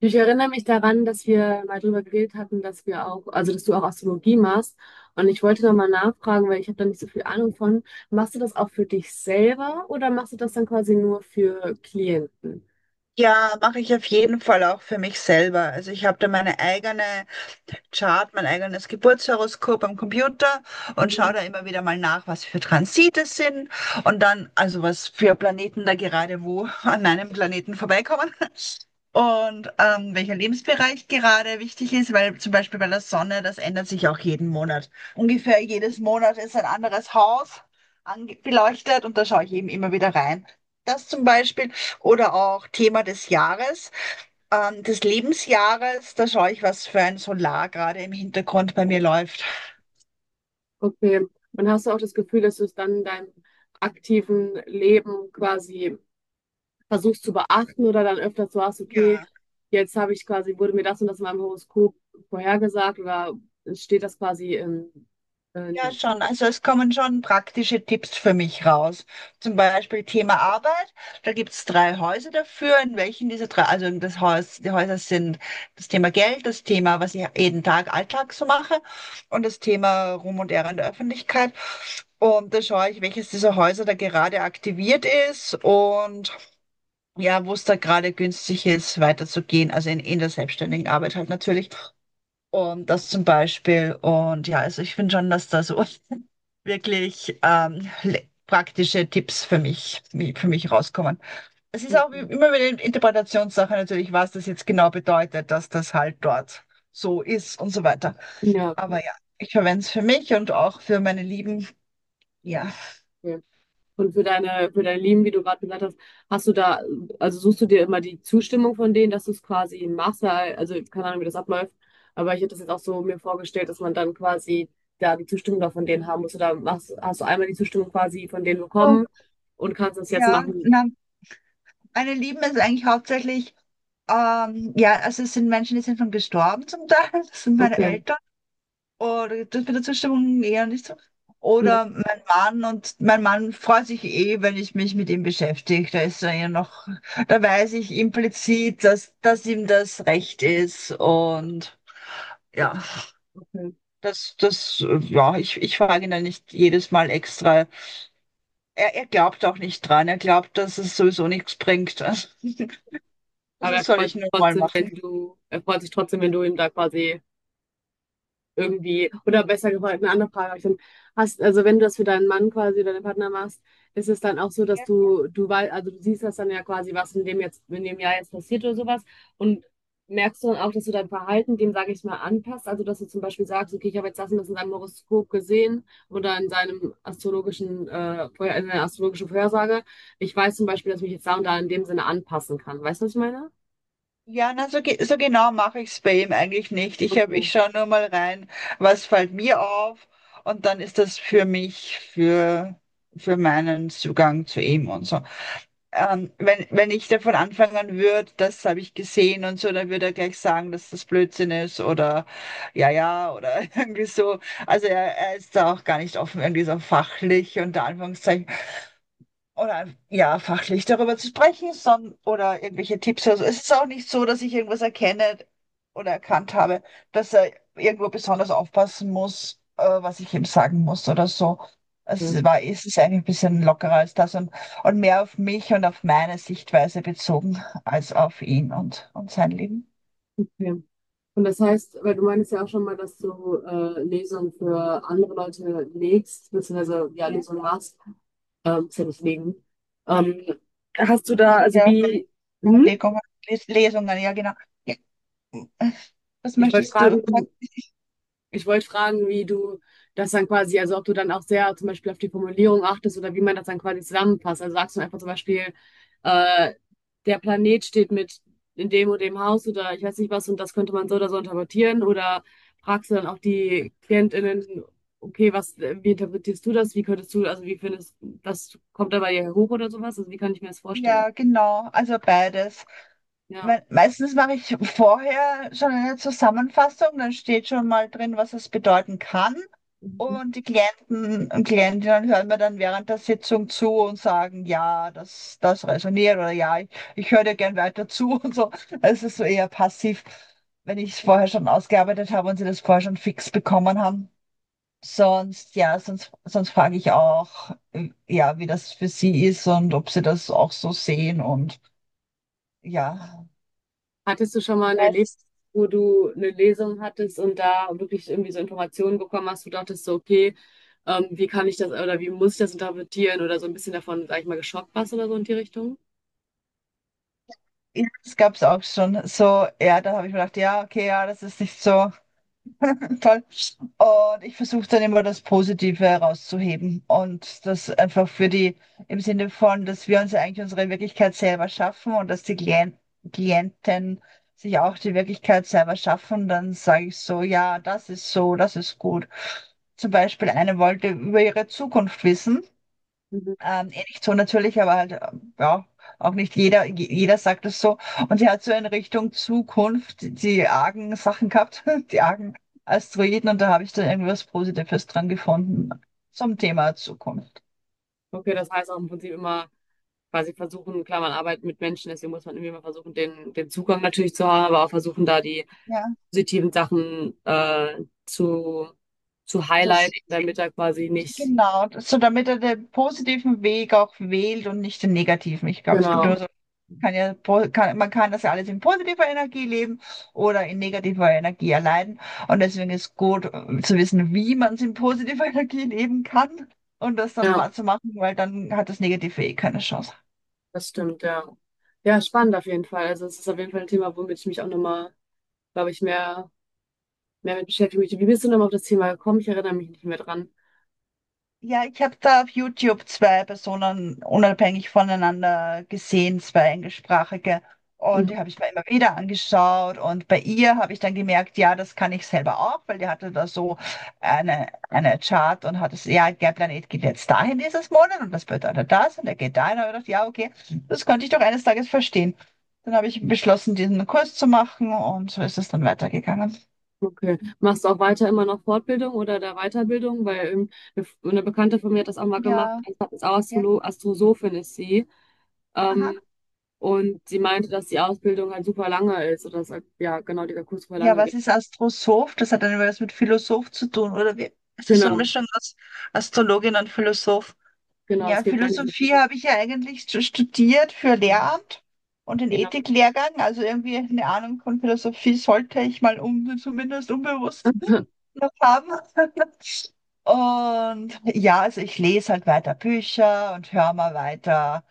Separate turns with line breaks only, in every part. Ich erinnere mich daran, dass wir mal drüber geredet hatten, dass wir auch, also dass du auch Astrologie machst. Und ich wollte da mal nachfragen, weil ich habe da nicht so viel Ahnung von. Machst du das auch für dich selber oder machst du das dann quasi nur für Klienten?
Ja, mache ich auf jeden Fall auch für mich selber. Also ich habe da meine eigene Chart, mein eigenes Geburtshoroskop am Computer und schaue
Mhm.
da immer wieder mal nach, was für Transite sind und dann, also was für Planeten da gerade wo an meinem Planeten vorbeikommen. Und welcher Lebensbereich gerade wichtig ist, weil zum Beispiel bei der Sonne, das ändert sich auch jeden Monat. Ungefähr jedes Monat ist ein anderes Haus beleuchtet und da schaue ich eben immer wieder rein. Das zum Beispiel. Oder auch Thema des Jahres, des Lebensjahres, da schaue ich, was für ein Solar gerade im Hintergrund bei mir läuft.
Okay. Und hast du auch das Gefühl, dass du es dann in deinem aktiven Leben quasi versuchst zu beachten oder dann öfter so hast, okay,
Ja.
jetzt habe ich quasi, wurde mir das und das in meinem Horoskop vorhergesagt oder steht das quasi
Ja,
in,
schon. Also es kommen schon praktische Tipps für mich raus. Zum Beispiel Thema Arbeit. Da gibt es drei Häuser dafür, in welchen diese drei, also das Haus, die Häuser sind das Thema Geld, das Thema, was ich jeden Tag Alltag so mache, und das Thema Ruhm und Ehre in der Öffentlichkeit. Und da schaue ich, welches dieser Häuser da gerade aktiviert ist und ja, wo es da gerade günstig ist, weiterzugehen. Also in der selbstständigen Arbeit halt natürlich. Und das zum Beispiel. Und ja, also ich finde schon, dass da so wirklich praktische Tipps für mich rauskommen. Es ist auch
in
immer wieder eine Interpretationssache natürlich, was das jetzt genau bedeutet, dass das halt dort so ist und so weiter.
ja,
Aber ja, ich verwende es für mich und auch für meine Lieben. Ja.
okay? Und für deine, für dein Leben, wie du gerade gesagt hast, hast du da, also suchst du dir immer die Zustimmung von denen, dass du es quasi machst, weil- also keine Ahnung, wie das abläuft, aber ich hätte das jetzt auch so mir vorgestellt, dass man dann quasi da die Zustimmung da von denen haben muss oder machst, hast du einmal die Zustimmung quasi von denen
So,
bekommen und kannst es jetzt
ja,
machen.
na, meine Lieben ist eigentlich hauptsächlich, ja, also es sind Menschen, die sind schon gestorben zum Teil. Das sind meine
Okay,
Eltern. Oder das mit der Zustimmung eher nicht so.
ja,
Oder mein Mann, und mein Mann freut sich eh, wenn ich mich mit ihm beschäftige. Da ist er ja noch, da weiß ich implizit, dass ihm das recht ist. Und ja,
okay.
ja, ich frage ihn dann nicht jedes Mal extra. Er glaubt auch nicht dran. Er glaubt, dass es sowieso nichts bringt. Also,
Aber
das
er
soll
freut
ich
sich
nur mal
trotzdem,
machen.
wenn du, er freut sich trotzdem, wenn du ihm da quasi irgendwie, oder besser gefragt, eine andere Frage habe ich dann, hast, also wenn du das für deinen Mann quasi oder deinen Partner machst, ist es dann auch so, dass du weißt, also du siehst das dann ja quasi, was in dem jetzt, in dem Jahr jetzt passiert oder sowas und merkst du dann auch, dass du dein Verhalten dem, sage ich mal, anpasst, also dass du zum Beispiel sagst, okay, ich habe jetzt das und das in seinem Horoskop gesehen oder in seinem astrologischen, Vorher- in seiner astrologischen Vorhersage, ich weiß zum Beispiel, dass ich mich jetzt da und da in dem Sinne anpassen kann, weißt du, was ich meine?
Ja, na, so, so genau mache ich es bei ihm eigentlich nicht. Ich hab,
Okay.
ich schaue nur mal rein, was fällt mir auf, und dann ist das für mich, für meinen Zugang zu ihm und so. Wenn wenn, ich davon anfangen würde, das habe ich gesehen und so, dann würde er gleich sagen, dass das Blödsinn ist, oder ja, ja, oder irgendwie so. Also er ist da auch gar nicht offen, irgendwie so fachlich unter Anführungszeichen oder ja, fachlich darüber zu sprechen, sondern oder irgendwelche Tipps. Also es ist auch nicht so, dass ich irgendwas erkenne oder erkannt habe, dass er irgendwo besonders aufpassen muss, was ich ihm sagen muss oder so.
Ja,
Es ist eigentlich ein bisschen lockerer als das, und mehr auf mich und auf meine Sichtweise bezogen als auf ihn und sein Leben.
okay. Und das heißt, weil du meinst ja auch schon mal, dass du Lesungen für andere Leute legst, beziehungsweise ja,
Ja,
Lesungen machst, ist ja nicht legen. Ähm, hast du da,
also
also
ja,
wie, hm?
Legungen, Lesungen, ja genau. Ja. Was
Ich wollte
möchtest du sagen?
fragen, Ich wollte fragen, wie du das dann quasi, also ob du dann auch sehr zum Beispiel auf die Formulierung achtest oder wie man das dann quasi zusammenpasst. Also sagst du einfach zum Beispiel, äh, der Planet steht mit in dem und dem Haus oder ich weiß nicht was und das könnte man so oder so interpretieren oder fragst du dann auch die KlientInnen, okay, was, wie interpretierst du das? Wie könntest du, also wie findest, was kommt da bei dir hoch oder sowas? Also wie kann ich mir das vorstellen?
Ja, genau, also beides.
Ja.
Me Meistens mache ich vorher schon eine Zusammenfassung, dann steht schon mal drin, was es bedeuten kann. Und die Klienten und Klientinnen hören mir dann während der Sitzung zu und sagen, ja, das resoniert, oder ja, ich höre dir gern weiter zu und so. Es ist so eher passiv, wenn ich es vorher schon ausgearbeitet habe und sie das vorher schon fix bekommen haben. Sonst, ja, sonst frage ich auch, ja, wie das für sie ist und ob sie das auch so sehen und ja.
Hattest du schon mal ein
Ja, es
Erlebnis,
ist
wo du eine Lesung hattest und da wirklich irgendwie so Informationen bekommen hast, wo du dachtest so, okay, wie kann ich das oder wie muss ich das interpretieren oder so ein bisschen davon, sag ich mal, geschockt warst oder so in die Richtung?
Ja, das gab es auch schon. So, ja, da habe ich mir gedacht, ja, okay, ja, das ist nicht so toll. Und ich versuche dann immer das Positive herauszuheben und das einfach für die, im Sinne von, dass wir uns ja eigentlich unsere Wirklichkeit selber schaffen und dass die Klienten sich auch die Wirklichkeit selber schaffen, dann sage ich so, ja, das ist so, das ist gut. Zum Beispiel, eine wollte über ihre Zukunft wissen.
Mhm.
Eh nicht so natürlich, aber halt, ja, auch nicht jeder, jeder sagt es so. Und sie hat so in Richtung Zukunft die argen Sachen gehabt, die argen Asteroiden, und da habe ich dann irgendwas Positives dran gefunden zum Thema Zukunft.
Okay, das heißt auch im Prinzip immer quasi versuchen, klar, man arbeitet mit Menschen, deswegen muss man irgendwie mal versuchen, den, den Zugang natürlich zu haben, aber auch versuchen, da die
Ja,
positiven Sachen zu
das,
highlighten, damit er quasi nicht.
genau. So, damit er den positiven Weg auch wählt und nicht den negativen. Ich glaube, es gibt nur
Genau,
so kann, man kann das ja alles in positiver Energie leben oder in negativer Energie erleiden. Und deswegen ist gut, zu wissen, wie man es in positiver Energie leben kann und das dann
ja,
zu machen, weil dann hat das Negative eh keine Chance.
das stimmt, ja. Ja, spannend auf jeden Fall. Also es ist auf jeden Fall ein Thema, womit ich mich auch nochmal, glaube ich, mehr, mehr mit beschäftigen möchte. Wie bist du nochmal auf das Thema gekommen? Ich erinnere mich nicht mehr dran.
Ja, ich habe da auf YouTube zwei Personen unabhängig voneinander gesehen, zwei englischsprachige. Und die habe ich mir immer wieder angeschaut. Und bei ihr habe ich dann gemerkt, ja, das kann ich selber auch, weil die hatte da so eine Chart und hat es, ja, der Planet geht jetzt dahin dieses Monat und das bedeutet das und er geht dahin. Und ich dachte, ja, okay, das konnte ich doch eines Tages verstehen. Dann habe ich beschlossen, diesen Kurs zu machen, und so ist es dann weitergegangen.
Okay. Machst du auch weiter immer noch Fortbildung oder der Weiterbildung? Weil eine F- eine Bekannte von mir hat das auch mal gemacht,
Ja,
ist auch
ja,
Astrolo Astrosophin ist sie.
aha.
Ähm, und sie meinte, dass die Ausbildung halt super lange ist oder dass halt, ja, genau, dieser Kurs super
Ja,
lange
was
geht.
ist Astrosoph? Das hat dann was mit Philosoph zu tun, oder wie? Ist das so eine
Genau,
Mischung aus Astrologin und Philosoph?
genau, es
Ja,
gibt eine diese.
Philosophie habe ich ja eigentlich studiert für Lehramt und den
Ja.
Ethiklehrgang. Also irgendwie eine Ahnung von Philosophie sollte ich mal um, zumindest unbewusst noch haben. Und ja, also ich lese halt weiter Bücher und höre mal weiter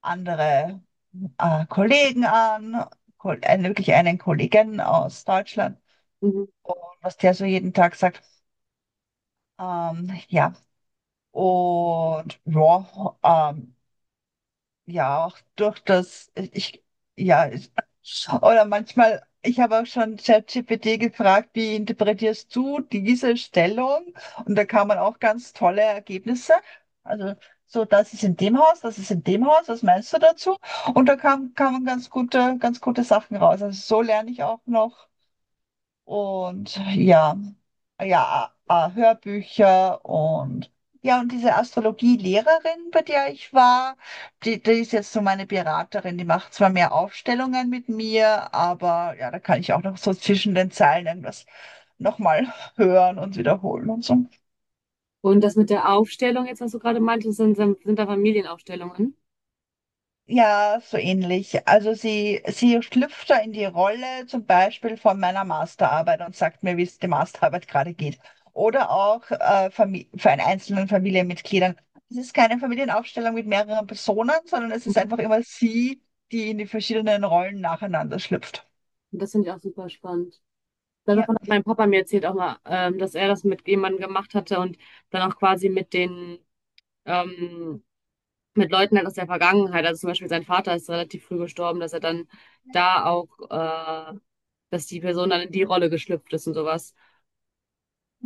andere Kollegen an, wirklich einen Kollegen aus Deutschland,
Mhm.
und was der so jeden Tag sagt. Ähm, ja, und ja, ähm, ja, auch durch das, ja, ich, oder manchmal, ich habe auch schon ChatGPT gefragt, wie interpretierst du diese Stellung? Und da kann man auch ganz tolle Ergebnisse. Also, so, das ist in dem Haus, das ist in dem Haus, was meinst du dazu? Und kamen ganz gute Sachen raus. Also, so lerne ich auch noch. Und ja, ja, Hörbücher und ja, und diese Astrologielehrerin, bei der ich war, die ist jetzt so meine Beraterin, die macht zwar mehr Aufstellungen mit mir, aber ja, da kann ich auch noch so zwischen den Zeilen irgendwas nochmal hören und wiederholen und so.
Und das mit der Aufstellung jetzt, was du gerade meintest, sind da Familienaufstellungen.
Ja, so ähnlich. Also sie schlüpft da in die Rolle zum Beispiel von meiner Masterarbeit und sagt mir, wie es der Masterarbeit gerade geht. Oder auch für einen einzelnen Familienmitgliedern. Es ist keine Familienaufstellung mit mehreren Personen, sondern es ist
Mhm.
einfach immer sie, die in die verschiedenen Rollen nacheinander schlüpft.
Und das finde ich auch super spannend.
Ja,
Davon hat mein Papa mir erzählt auch mal, dass er das mit jemandem gemacht hatte und dann auch quasi mit den ähm, mit Leuten halt aus der Vergangenheit. Also zum Beispiel sein Vater ist relativ früh gestorben, dass er dann da auch, dass die Person dann in die Rolle geschlüpft ist und sowas.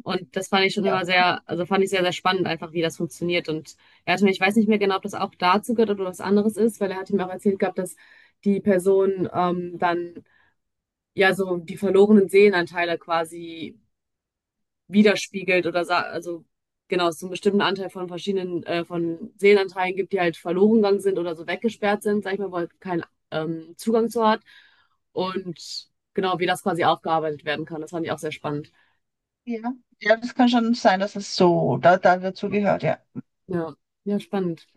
Und das fand ich schon
ja,
immer sehr, also fand ich sehr, sehr spannend einfach, wie das funktioniert. Und er hatte mir, ich weiß nicht mehr genau, ob das auch dazu gehört oder was anderes ist, weil er hat ihm auch erzählt gehabt, dass die Person dann ja so die verlorenen Seelenanteile quasi widerspiegelt oder sa- also genau, es so einen bestimmten Anteil von verschiedenen von Seelenanteilen gibt, die halt verloren gegangen sind oder so weggesperrt sind, sag ich mal, wo halt kein Zugang zu hat. Und genau, wie das quasi aufgearbeitet werden kann. Das fand ich auch sehr spannend.
ja. Ja, das kann schon sein, dass es so da dazu gehört, ja.
Ja, ja, spannend.